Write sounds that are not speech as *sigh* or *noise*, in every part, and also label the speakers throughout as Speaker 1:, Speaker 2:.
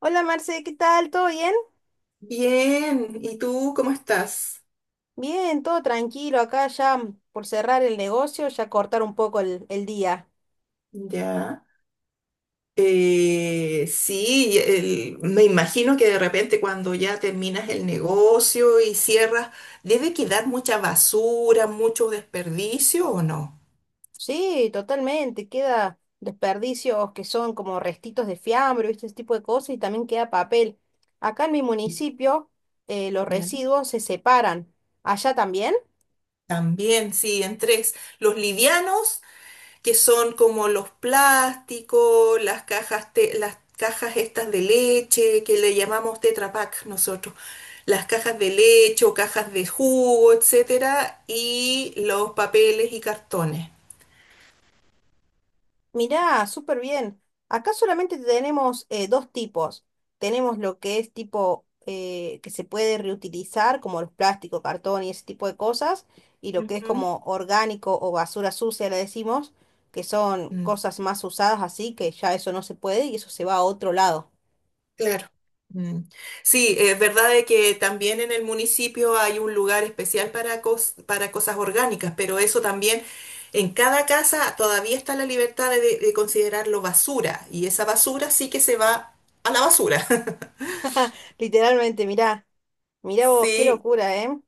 Speaker 1: Hola Marce, ¿qué tal? ¿Todo bien?
Speaker 2: Bien, ¿y tú cómo estás?
Speaker 1: Bien, todo tranquilo. Acá ya por cerrar el negocio, ya cortar un poco el día.
Speaker 2: Ya. Sí, me imagino que de repente cuando ya terminas el negocio y cierras, debe quedar mucha basura, mucho desperdicio, ¿o no?
Speaker 1: Sí, totalmente. Queda desperdicios que son como restitos de fiambre, ¿viste? Ese tipo de cosas y también queda papel. Acá en mi municipio los
Speaker 2: Ya.
Speaker 1: residuos se separan. ¿Allá también?
Speaker 2: También, sí, en tres. Los livianos que son como los plásticos, las cajas, las cajas estas de leche, que le llamamos Tetra Pak nosotros, las cajas de leche o cajas de jugo, etcétera, y los papeles y cartones.
Speaker 1: Mirá, súper bien. Acá solamente tenemos dos tipos. Tenemos lo que es tipo que se puede reutilizar, como los plásticos, cartón y ese tipo de cosas, y lo que es como orgánico o basura sucia, le decimos, que son
Speaker 2: Ujú.
Speaker 1: cosas más usadas así, que ya eso no se puede y eso se va a otro lado.
Speaker 2: Claro. Mm. Sí, es verdad de que también en el municipio hay un lugar especial para, para cosas orgánicas, pero eso también en cada casa todavía está la libertad de considerarlo basura, y esa basura sí que se va a la basura. *laughs*
Speaker 1: *laughs* Literalmente, mirá, mirá vos, qué
Speaker 2: Sí,
Speaker 1: locura, ¿eh?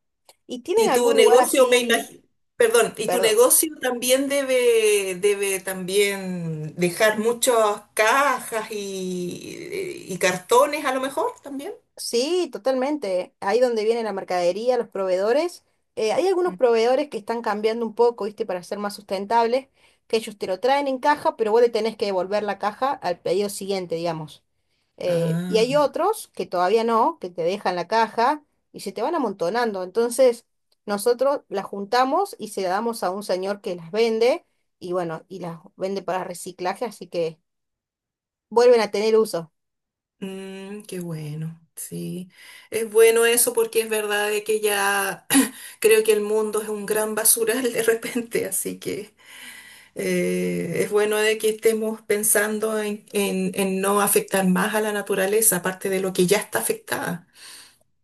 Speaker 1: ¿Y tienen
Speaker 2: y tu
Speaker 1: algún lugar
Speaker 2: negocio me
Speaker 1: así,
Speaker 2: imagino, perdón, y tu
Speaker 1: perdón?
Speaker 2: negocio también debe también dejar muchas cajas y cartones a lo mejor también.
Speaker 1: Sí, totalmente. Ahí donde viene la mercadería, los proveedores. Hay algunos proveedores que están cambiando un poco, ¿viste? Para ser más sustentables, que ellos te lo traen en caja, pero vos le tenés que devolver la caja al pedido siguiente, digamos. Y hay
Speaker 2: Mm.
Speaker 1: otros que todavía no, que te dejan la caja y se te van amontonando. Entonces, nosotros las juntamos y se la damos a un señor que las vende y bueno, y las vende para reciclaje, así que vuelven a tener uso.
Speaker 2: Mm, qué bueno, sí. Es bueno eso porque es verdad de que ya *clears throat* creo que el mundo es un gran basural de repente, así que es bueno de que estemos pensando en no afectar más a la naturaleza, aparte de lo que ya está afectada.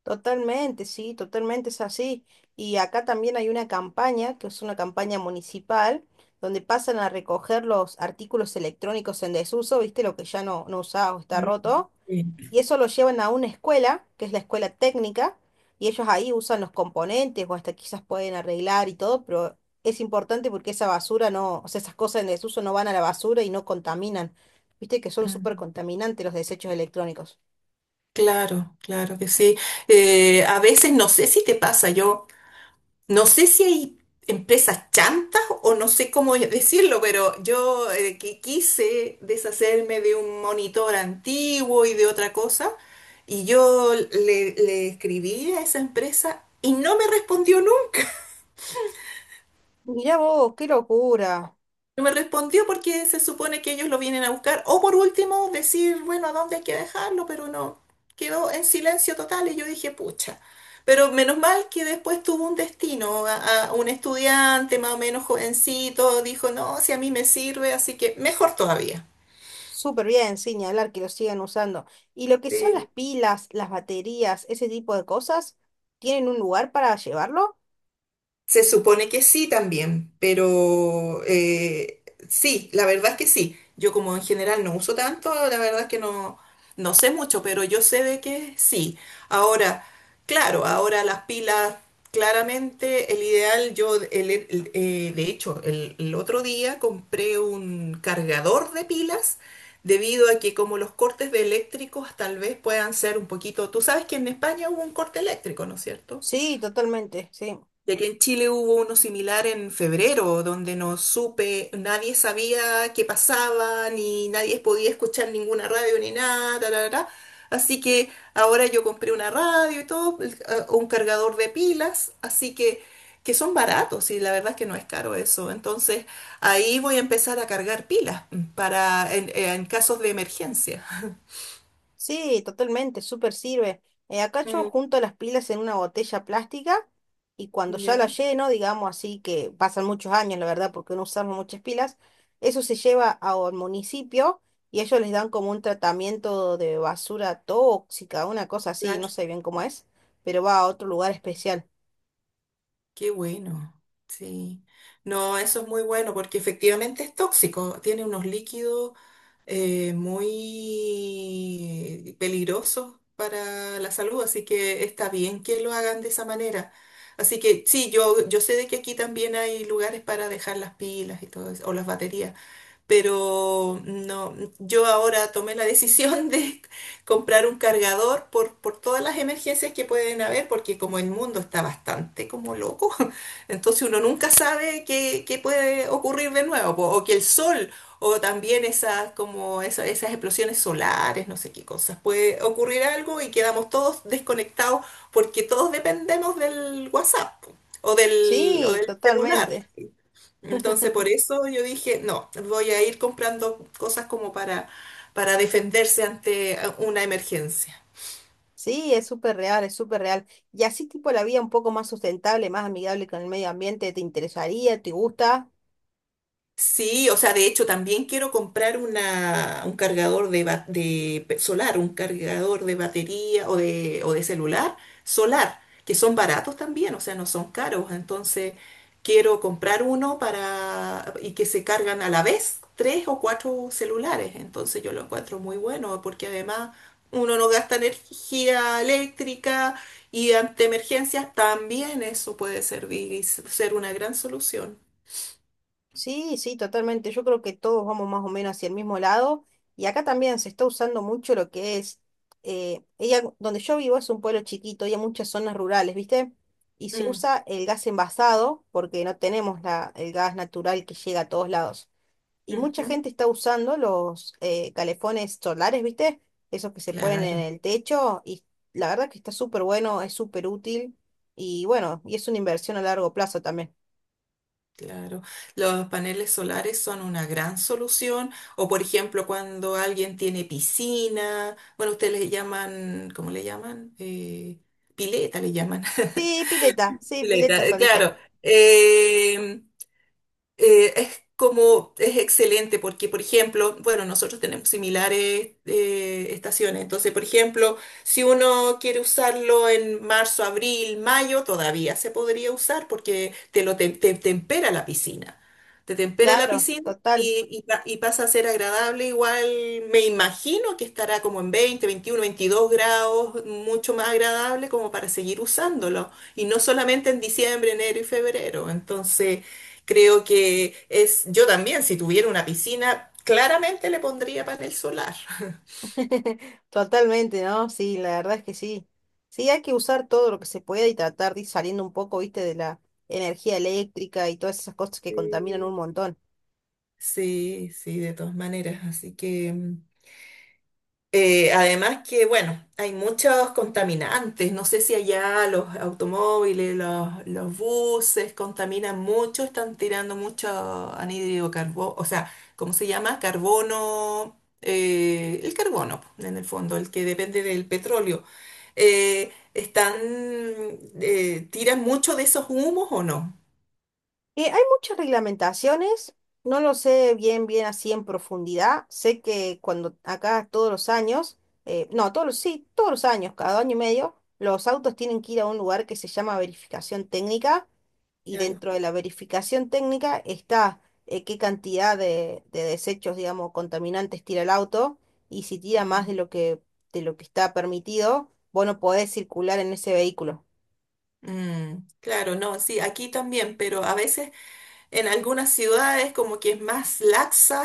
Speaker 1: Totalmente, sí, totalmente es así. Y acá también hay una campaña, que es una campaña municipal, donde pasan a recoger los artículos electrónicos en desuso, ¿viste? Lo que ya no, no usás o está
Speaker 2: Mm,
Speaker 1: roto.
Speaker 2: sí.
Speaker 1: Y eso lo llevan a una escuela, que es la escuela técnica, y ellos ahí usan los componentes o hasta quizás pueden arreglar y todo, pero es importante porque esa basura no, o sea, esas cosas en desuso no van a la basura y no contaminan. ¿Viste? Que son súper
Speaker 2: Mm.
Speaker 1: contaminantes los desechos electrónicos.
Speaker 2: Claro, claro que sí. A veces no sé si te pasa, yo... No sé si hay empresas chantas o no sé cómo decirlo, pero yo que quise deshacerme de un monitor antiguo y de otra cosa, y yo le escribí a esa empresa y no me respondió nunca.
Speaker 1: Mirá vos, qué locura.
Speaker 2: No me respondió porque se supone que ellos lo vienen a buscar. O por último, decir, bueno, ¿a dónde hay que dejarlo? Pero no, quedó en silencio total y yo dije, pucha. Pero menos mal que después tuvo un destino, a un estudiante más o menos jovencito, dijo, no, si a mí me sirve, así que mejor todavía.
Speaker 1: Súper bien, sin ni hablar que lo sigan usando. Y lo que son las
Speaker 2: Sí.
Speaker 1: pilas, las baterías, ese tipo de cosas, ¿tienen un lugar para llevarlo?
Speaker 2: Se supone que sí también, pero sí, la verdad es que sí. Yo como en general no uso tanto, la verdad es que no, no sé mucho, pero yo sé de que sí. Ahora, claro, ahora las pilas, claramente el ideal, yo de hecho el otro día compré un cargador de pilas debido a que como los cortes de eléctricos tal vez puedan ser un poquito, tú sabes que en España hubo un corte eléctrico, ¿no es cierto?
Speaker 1: Sí, totalmente, sí.
Speaker 2: Ya que en Chile hubo uno similar en febrero, donde no supe, nadie sabía qué pasaba, ni nadie podía escuchar ninguna radio ni nada, ta, ta, ta. Así que ahora yo compré una radio y todo, un cargador de pilas, así que son baratos y la verdad es que no es caro eso. Entonces ahí voy a empezar a cargar pilas para en casos de emergencia.
Speaker 1: Sí, totalmente, súper sirve. Acá yo
Speaker 2: Mm,
Speaker 1: junto las pilas en una botella plástica y cuando ya la
Speaker 2: ya,
Speaker 1: lleno, digamos así que pasan muchos años, la verdad, porque no usamos muchas pilas, eso se lleva a- al municipio y ellos les dan como un tratamiento de basura tóxica, una cosa así, no
Speaker 2: claro.
Speaker 1: sé bien cómo es, pero va a otro lugar especial.
Speaker 2: Qué bueno, sí. No, eso es muy bueno porque efectivamente es tóxico, tiene unos líquidos muy peligrosos para la salud, así que está bien que lo hagan de esa manera. Así que sí, yo sé de que aquí también hay lugares para dejar las pilas y todo eso, o las baterías, pero no, yo ahora tomé la decisión de *laughs* comprar un cargador por todas las emergencias que pueden haber, porque como el mundo está bastante como loco, *laughs* entonces uno nunca sabe qué puede ocurrir de nuevo, po, o que el sol, o también esas, como esas explosiones solares, no sé qué cosas, puede ocurrir algo y quedamos todos desconectados porque todos dependemos del WhatsApp po, o del, o
Speaker 1: Sí,
Speaker 2: del celular.
Speaker 1: totalmente.
Speaker 2: Entonces, por
Speaker 1: *laughs*
Speaker 2: eso yo dije, no, voy a ir comprando cosas como para defenderse ante una emergencia.
Speaker 1: Sí, es súper real, es súper real. Y así tipo la vida un poco más sustentable, más amigable con el medio ambiente, ¿te interesaría? ¿Te gusta?
Speaker 2: Sí, o sea, de hecho también quiero comprar un cargador de solar, un cargador de batería o de celular solar, que son baratos también, o sea, no son caros. Entonces, quiero comprar uno para y que se cargan a la vez tres o cuatro celulares. Entonces, yo lo encuentro muy bueno porque además uno no gasta energía eléctrica, y ante emergencias también eso puede servir y ser una gran solución.
Speaker 1: Sí, sí, totalmente. Yo creo que todos vamos más o menos hacia el mismo lado. Y acá también se está usando mucho lo que es, ella, donde yo vivo es un pueblo chiquito y hay muchas zonas rurales, ¿viste? Y se
Speaker 2: Mm,
Speaker 1: usa el gas envasado porque no tenemos el gas natural que llega a todos lados. Y mucha
Speaker 2: ujú.
Speaker 1: gente está usando los calefones solares, ¿viste? Esos que se ponen en
Speaker 2: Claro,
Speaker 1: el techo y la verdad que está súper bueno, es súper útil y bueno, y es una inversión a largo plazo también.
Speaker 2: claro. Los paneles solares son una gran solución. O por ejemplo, cuando alguien tiene piscina, bueno, ustedes le llaman, ¿cómo le llaman? Pileta le llaman. *laughs*
Speaker 1: Sí, pileta
Speaker 2: Pileta,
Speaker 1: solita.
Speaker 2: claro. eh, es como, es excelente porque, por ejemplo, bueno, nosotros tenemos similares estaciones. Entonces, por ejemplo, si uno quiere usarlo en marzo, abril, mayo, todavía se podría usar porque te tempera la piscina, te tempera la
Speaker 1: Claro,
Speaker 2: piscina,
Speaker 1: total,
Speaker 2: Y pasa a ser agradable igual. Me imagino que estará como en 20, 21, 22 grados, mucho más agradable como para seguir usándolo. Y no solamente en diciembre, enero y febrero. Entonces, creo que es, yo también, si tuviera una piscina, claramente le pondría panel solar. *laughs*
Speaker 1: *laughs* totalmente, ¿no? Sí, la verdad es que sí. Sí, hay que usar todo lo que se pueda y tratar de ir saliendo un poco, ¿viste? De la energía eléctrica y todas esas cosas que contaminan un montón.
Speaker 2: Sí, sí, de todas maneras. Así que. Además que, bueno, hay muchos contaminantes. No sé si allá los automóviles, los buses contaminan mucho, están tirando mucho anhídrido carbono, o sea, ¿cómo se llama? Carbono, el carbono, po, en el fondo, el que depende del petróleo. Eh, ¿están, ¿Tiran mucho de esos humos o no?
Speaker 1: Hay muchas reglamentaciones, no lo sé bien, bien así en profundidad. Sé que cuando acá todos los años, no, todos los, sí, todos los años, cada año y medio, los autos tienen que ir a un lugar que se llama verificación técnica y
Speaker 2: Claro.
Speaker 1: dentro de la verificación técnica está qué cantidad de desechos, digamos, contaminantes tira el auto y si tira más
Speaker 2: Mm.
Speaker 1: de lo que está permitido, vos no podés circular en ese vehículo.
Speaker 2: Mm, claro, no, sí, aquí también, pero a veces en algunas ciudades como que es más laxa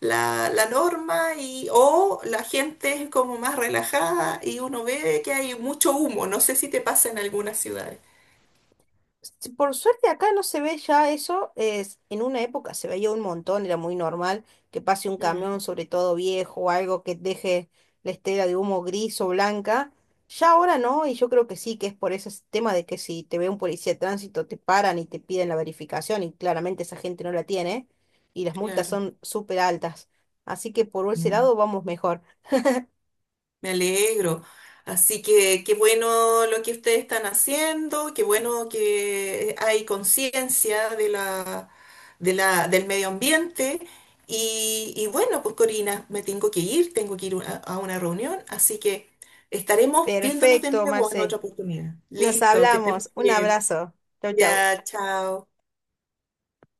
Speaker 2: la norma y, o la gente es como más relajada y uno ve que hay mucho humo. No sé si te pasa en algunas ciudades.
Speaker 1: Sí, por suerte acá no se ve ya eso, es, en una época se veía un montón, era muy normal que pase un
Speaker 2: Mm,
Speaker 1: camión, sobre todo viejo o algo que deje la estela de humo gris o blanca. Ya ahora no, y yo creo que sí, que es por ese tema de que si te ve un policía de tránsito te paran y te piden la verificación y claramente esa gente no la tiene y las multas
Speaker 2: claro.
Speaker 1: son súper altas. Así que por ese lado vamos mejor.
Speaker 2: Me alegro. Así que qué bueno lo que ustedes están haciendo, qué bueno que hay conciencia del medio ambiente. Y bueno, pues Corina, me tengo que ir a una reunión, así que estaremos viéndonos de
Speaker 1: Perfecto,
Speaker 2: nuevo en otra
Speaker 1: Marce.
Speaker 2: oportunidad.
Speaker 1: Nos
Speaker 2: Listo, que estén
Speaker 1: hablamos. Un
Speaker 2: bien.
Speaker 1: abrazo. Chau, chau.
Speaker 2: Ya, chao.